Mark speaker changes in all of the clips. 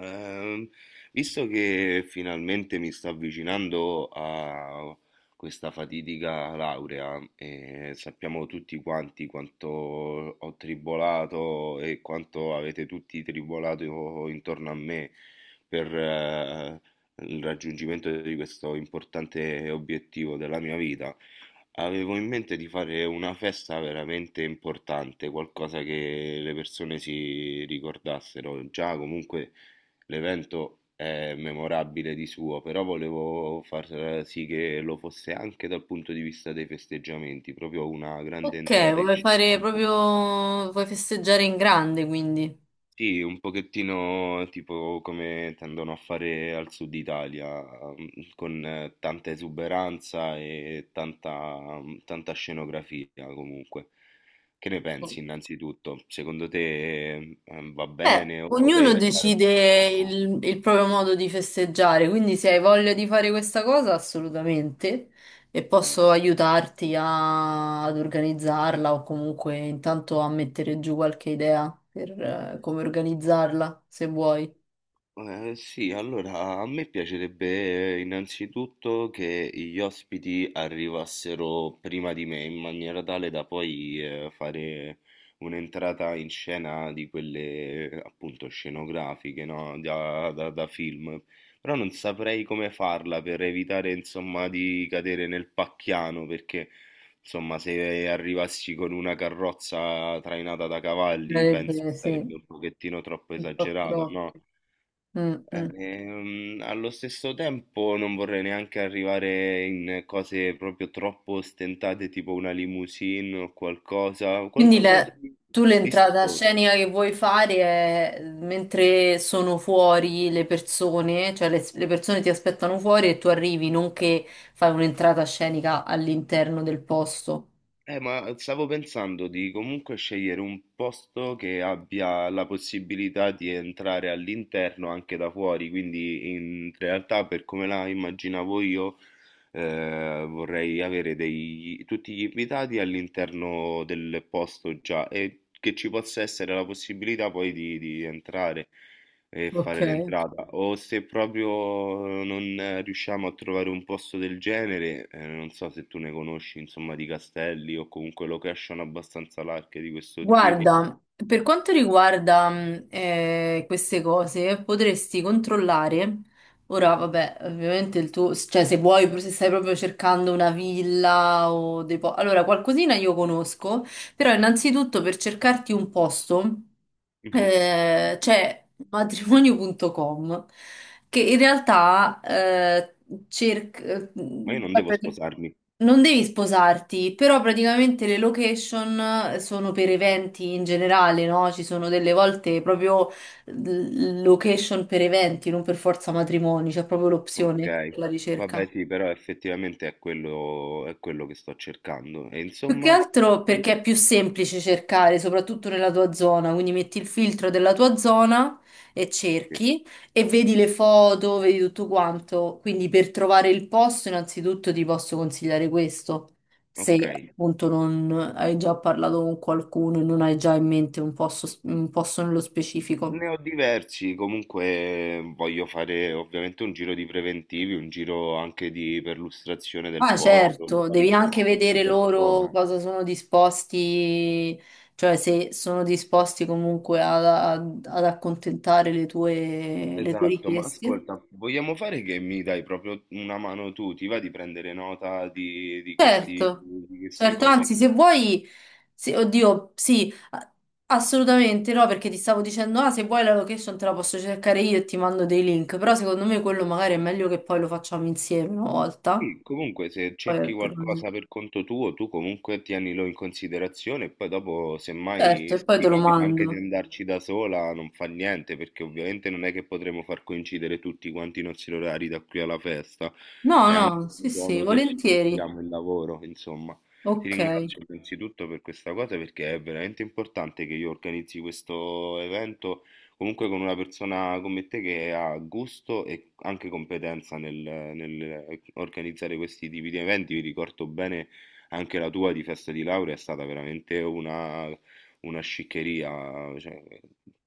Speaker 1: Ehm, visto che finalmente mi sto avvicinando a questa fatidica laurea e sappiamo tutti quanti quanto ho tribolato e quanto avete tutti tribolato intorno a me per il raggiungimento di questo importante obiettivo della mia vita, avevo in mente di fare una festa veramente importante, qualcosa che le persone si ricordassero già comunque. L'evento è memorabile di suo, però volevo far sì che lo fosse anche dal punto di vista dei festeggiamenti, proprio una grande
Speaker 2: Ok,
Speaker 1: entrata in
Speaker 2: vuoi fare
Speaker 1: scena.
Speaker 2: proprio, vuoi festeggiare in grande, quindi.
Speaker 1: Sì, un pochettino tipo come tendono a fare al sud Italia, mm, con tanta esuberanza e tanta scenografia comunque. Che ne
Speaker 2: Oh.
Speaker 1: pensi innanzitutto? Secondo te va
Speaker 2: Beh,
Speaker 1: bene o
Speaker 2: ognuno
Speaker 1: dovrei optare per
Speaker 2: decide
Speaker 1: qualcosa?
Speaker 2: il proprio modo di festeggiare, quindi se hai voglia di fare questa cosa, assolutamente, e
Speaker 1: Mm.
Speaker 2: posso aiutarti ad organizzarla o comunque intanto a mettere giù qualche idea per come organizzarla, se vuoi.
Speaker 1: Sì, allora a me piacerebbe innanzitutto che gli ospiti arrivassero prima di me in maniera tale da poi fare un'entrata in scena di quelle appunto scenografiche, no? Da film. Però non saprei come farla per evitare insomma di cadere nel pacchiano, perché insomma se arrivassi con una carrozza trainata da cavalli penso
Speaker 2: Sarebbe, sì,
Speaker 1: sarebbe
Speaker 2: un
Speaker 1: un pochettino troppo
Speaker 2: po'
Speaker 1: esagerato, no?
Speaker 2: troppo. Mm, mm.
Speaker 1: Allo stesso tempo non vorrei neanche arrivare in cose proprio troppo ostentate, tipo una limousine o qualcosa,
Speaker 2: Quindi
Speaker 1: qualcosa di,
Speaker 2: tu
Speaker 1: di
Speaker 2: l'entrata scenica che vuoi fare è mentre sono fuori le persone, cioè le persone ti aspettano fuori e tu arrivi, non che fai un'entrata scenica all'interno del posto.
Speaker 1: Ma stavo pensando di comunque scegliere un posto che abbia la possibilità di entrare all'interno anche da fuori, quindi in realtà per come la immaginavo io vorrei avere tutti gli invitati all'interno del posto già e che ci possa essere la possibilità poi di entrare e
Speaker 2: Ok.
Speaker 1: fare l'entrata, o se proprio non riusciamo a trovare un posto del genere, non so se tu ne conosci, insomma, di castelli o comunque location abbastanza larghe di questo tipo.
Speaker 2: Guarda, per quanto riguarda queste cose, potresti controllare. Ora, vabbè, ovviamente il tuo, cioè se vuoi, se stai proprio cercando una villa o dei Allora, qualcosina io conosco, però innanzitutto per cercarti un posto
Speaker 1: Mhm.
Speaker 2: c'è matrimonio.com che in realtà cerca...
Speaker 1: Ma io non devo sposarmi.
Speaker 2: Non devi sposarti, però praticamente le location sono per eventi in generale, no? Ci sono delle volte proprio location per eventi, non per forza matrimoni, c'è proprio
Speaker 1: Ok.
Speaker 2: l'opzione per la
Speaker 1: Vabbè,
Speaker 2: ricerca.
Speaker 1: sì, però effettivamente è quello che sto cercando. E
Speaker 2: Più che
Speaker 1: insomma,
Speaker 2: altro perché è più semplice cercare, soprattutto nella tua zona, quindi metti il filtro della tua zona e
Speaker 1: sì.
Speaker 2: cerchi e vedi le foto, vedi tutto quanto. Quindi per trovare il posto, innanzitutto ti posso consigliare questo,
Speaker 1: Ok.
Speaker 2: se appunto non hai già parlato con qualcuno e non hai già in mente un posto nello specifico.
Speaker 1: Ne ho diversi, comunque voglio fare ovviamente un giro di preventivi, un giro anche di perlustrazione del
Speaker 2: Ah,
Speaker 1: posto, di
Speaker 2: certo,
Speaker 1: vari
Speaker 2: devi
Speaker 1: posti
Speaker 2: anche
Speaker 1: di
Speaker 2: vedere loro
Speaker 1: persona.
Speaker 2: cosa sono disposti, cioè se sono disposti comunque ad accontentare le tue
Speaker 1: Esatto, ma
Speaker 2: richieste.
Speaker 1: ascolta, vogliamo fare che mi dai proprio una mano tu, ti va di prendere nota di questi,
Speaker 2: Certo,
Speaker 1: di queste
Speaker 2: certo,
Speaker 1: cose.
Speaker 2: anzi, se vuoi, oddio, sì, assolutamente no, perché ti stavo dicendo, ah, se vuoi la location te la posso cercare io e ti mando dei link, però secondo me quello magari è meglio che poi lo facciamo insieme una volta.
Speaker 1: Sì, comunque se cerchi
Speaker 2: Poi te lo-
Speaker 1: qualcosa per conto tuo, tu comunque tienilo in considerazione e poi dopo
Speaker 2: Certo,
Speaker 1: semmai
Speaker 2: e
Speaker 1: se
Speaker 2: poi te
Speaker 1: ti
Speaker 2: lo
Speaker 1: capita anche di
Speaker 2: mando.
Speaker 1: andarci da sola non fa niente, perché ovviamente non è che potremo far coincidere tutti quanti i nostri orari da qui alla festa,
Speaker 2: No,
Speaker 1: è anche
Speaker 2: no, sì, sì,
Speaker 1: buono che ci
Speaker 2: volentieri.
Speaker 1: diamo il lavoro, insomma. Ti
Speaker 2: Ok,
Speaker 1: ringrazio innanzitutto per questa cosa perché è veramente importante che io organizzi questo evento comunque con una persona come te che ha gusto e anche competenza nel, nel organizzare questi tipi di eventi. Vi ricordo bene anche la tua di festa di laurea è stata veramente una sciccheria, cioè,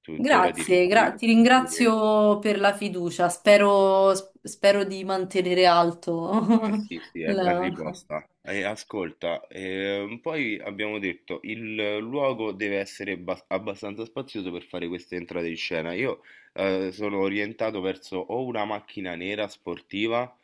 Speaker 1: tuttora ti
Speaker 2: grazie,
Speaker 1: ricordi.
Speaker 2: ti ringrazio per la fiducia. Spero, spero di mantenere alto
Speaker 1: Ma sì, sì, è ben
Speaker 2: la-
Speaker 1: riposta. E ascolta, poi abbiamo detto il luogo deve essere abbastanza spazioso per fare queste entrate in scena. Io sono orientato verso o una macchina nera sportiva,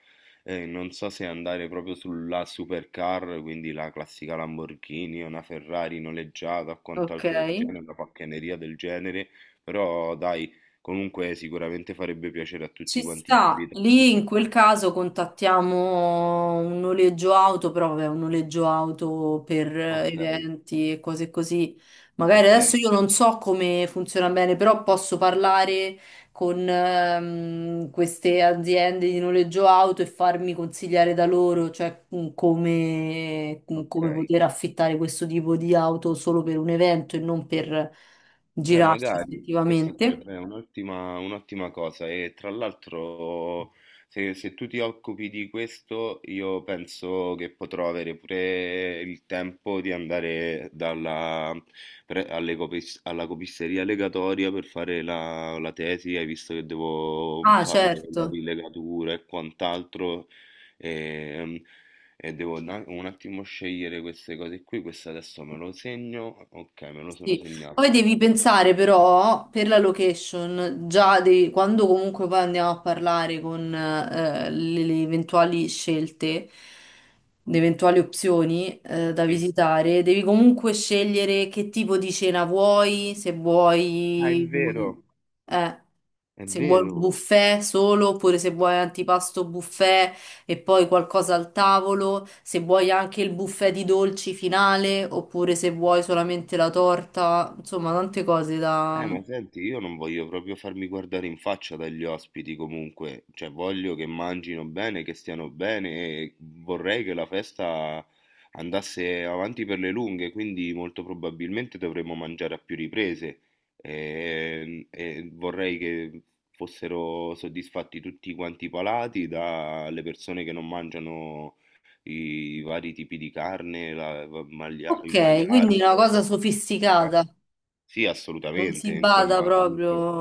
Speaker 1: non so se andare proprio sulla supercar, quindi la classica Lamborghini, una Ferrari noleggiata o
Speaker 2: Ok.
Speaker 1: quant'altro del genere, una pacchianeria del genere, però dai, comunque sicuramente farebbe piacere a
Speaker 2: Ci
Speaker 1: tutti quanti gli
Speaker 2: sta,
Speaker 1: invitati.
Speaker 2: lì in
Speaker 1: Sentire.
Speaker 2: quel caso contattiamo un noleggio auto, però vabbè, un noleggio auto per
Speaker 1: Ok,
Speaker 2: eventi e cose così. Magari
Speaker 1: ok.
Speaker 2: adesso io non so come funziona bene, però posso parlare con queste aziende di noleggio auto e farmi consigliare da loro, cioè come,
Speaker 1: Ok,
Speaker 2: come poter affittare questo tipo di auto solo per un evento e non per
Speaker 1: beh,
Speaker 2: girarsi
Speaker 1: magari questa
Speaker 2: effettivamente.
Speaker 1: sarebbe un'ottima un'ottima cosa, e tra l'altro se, se tu ti occupi di questo io penso che potrò avere pure il tempo di andare dalla, alla copisteria legatoria per fare la, la tesi, hai visto che devo
Speaker 2: Ah,
Speaker 1: fare la
Speaker 2: certo.
Speaker 1: rilegatura e quant'altro. Ehm, E devo un attimo scegliere queste cose qui, questo adesso me lo segno, ok, me lo sono
Speaker 2: Sì.
Speaker 1: segnato.
Speaker 2: Poi devi
Speaker 1: Aspetta.
Speaker 2: pensare però per la location, già quando comunque poi andiamo a parlare con le eventuali scelte, le eventuali opzioni da
Speaker 1: Sì.
Speaker 2: visitare, devi comunque scegliere che tipo di cena vuoi, se
Speaker 1: Ah, è
Speaker 2: vuoi un,
Speaker 1: vero,
Speaker 2: eh,
Speaker 1: è
Speaker 2: se vuoi un
Speaker 1: vero.
Speaker 2: buffet solo oppure se vuoi antipasto buffet e poi qualcosa al tavolo, se vuoi anche il buffet di dolci finale, oppure se vuoi solamente la torta, insomma, tante cose da...
Speaker 1: Ma senti, io non voglio proprio farmi guardare in faccia dagli ospiti comunque, cioè voglio che mangino bene, che stiano bene e vorrei che la festa andasse avanti per le lunghe, quindi molto probabilmente dovremmo mangiare a più riprese e vorrei che fossero soddisfatti tutti quanti i palati, dalle persone che non mangiano i vari tipi di carne, il
Speaker 2: Ok, quindi
Speaker 1: maiale
Speaker 2: una cosa
Speaker 1: o...
Speaker 2: sofisticata,
Speaker 1: Sì,
Speaker 2: non
Speaker 1: assolutamente,
Speaker 2: si bada
Speaker 1: insomma,
Speaker 2: proprio...
Speaker 1: comunque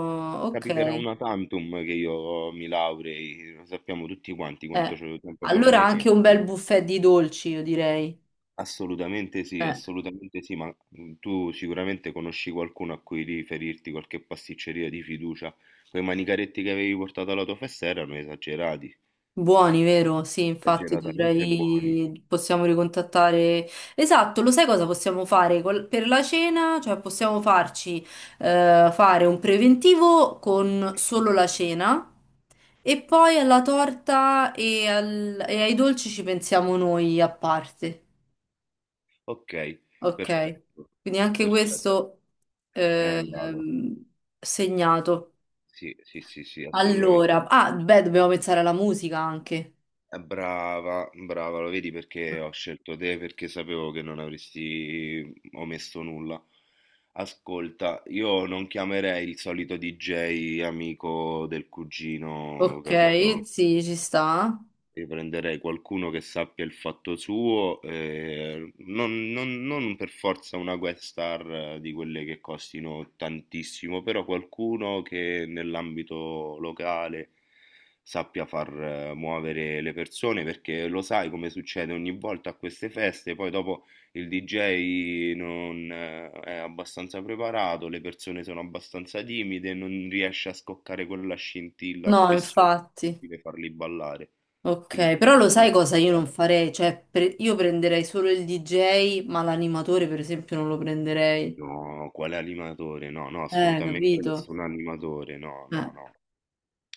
Speaker 2: Ok,
Speaker 1: capiterà
Speaker 2: eh.
Speaker 1: una tantum che io mi laurei, lo sappiamo tutti quanti quanto tempo ci ho
Speaker 2: Allora sì,
Speaker 1: messo.
Speaker 2: anche un bel buffet di dolci, io direi. Eh.
Speaker 1: Assolutamente sì, ma tu sicuramente conosci qualcuno a cui riferirti, qualche pasticceria di fiducia. Quei manicaretti che avevi portato alla tua festa erano esagerati,
Speaker 2: Buoni, vero? Sì, infatti
Speaker 1: esageratamente buoni.
Speaker 2: dovrei... possiamo ricontattare... Esatto, lo sai cosa possiamo fare per la cena? Cioè possiamo farci fare un preventivo con solo la cena e poi alla torta e ai dolci ci pensiamo noi a parte.
Speaker 1: Ok,
Speaker 2: Ok?
Speaker 1: perfetto,
Speaker 2: Quindi anche
Speaker 1: perfetto,
Speaker 2: questo
Speaker 1: è andato.
Speaker 2: ehm, segnato.
Speaker 1: Sì, sì, sì, sì, assolutamente.
Speaker 2: Allora, ah, beh, dobbiamo pensare alla musica anche.
Speaker 1: Brava, brava, lo vedi perché ho scelto te, perché sapevo che non avresti omesso nulla. Ascolta, io non chiamerei il solito DJ amico del cugino,
Speaker 2: Ok,
Speaker 1: capito?
Speaker 2: sì, ci sta.
Speaker 1: Io prenderei qualcuno che sappia il fatto suo, non per forza una guest star di quelle che costino tantissimo, però qualcuno che nell'ambito locale sappia far muovere le persone, perché lo sai come succede ogni volta a queste feste, poi dopo il DJ non è abbastanza preparato, le persone sono abbastanza timide, non riesce a scoccare quella scintilla,
Speaker 2: No,
Speaker 1: spesso è
Speaker 2: infatti.
Speaker 1: difficile farli ballare. Quindi
Speaker 2: Ok,
Speaker 1: ci
Speaker 2: però
Speaker 1: serve
Speaker 2: lo sai
Speaker 1: uno
Speaker 2: cosa
Speaker 1: che
Speaker 2: io non
Speaker 1: pensi,
Speaker 2: farei? Cioè, io prenderei solo il DJ, ma l'animatore, per esempio, non lo prenderei.
Speaker 1: no, quale animatore? No, no, assolutamente
Speaker 2: Capito?
Speaker 1: nessun animatore, no,
Speaker 2: Eh,
Speaker 1: no, no.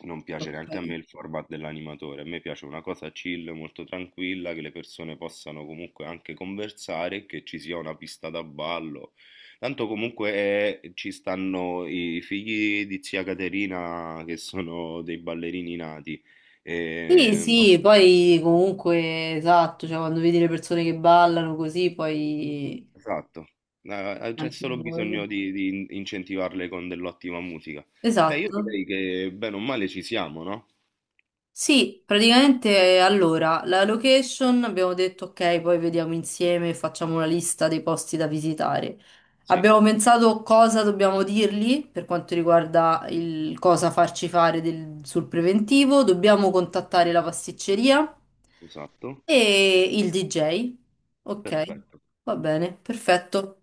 Speaker 1: Non piace
Speaker 2: ok.
Speaker 1: neanche a me il format dell'animatore, a me piace una cosa chill, molto tranquilla, che le persone possano comunque anche conversare, che ci sia una pista da ballo. Tanto comunque ci stanno i figli di zia Caterina che sono dei ballerini nati.
Speaker 2: Sì,
Speaker 1: E
Speaker 2: sì, poi comunque, esatto, cioè quando vedi le persone che ballano così, poi...
Speaker 1: esatto, c'è
Speaker 2: Anche
Speaker 1: solo
Speaker 2: una cosa.
Speaker 1: bisogno di incentivarle con dell'ottima musica. Beh, io
Speaker 2: Esatto.
Speaker 1: direi che bene o male ci siamo, no?
Speaker 2: Sì, praticamente allora, la location abbiamo detto ok, poi vediamo insieme, e facciamo una lista dei posti da visitare.
Speaker 1: Sì,
Speaker 2: Abbiamo pensato cosa dobbiamo dirgli per quanto riguarda il cosa farci fare sul preventivo, dobbiamo contattare la pasticceria
Speaker 1: esatto,
Speaker 2: e il DJ. Ok,
Speaker 1: perfetto.
Speaker 2: va bene, perfetto.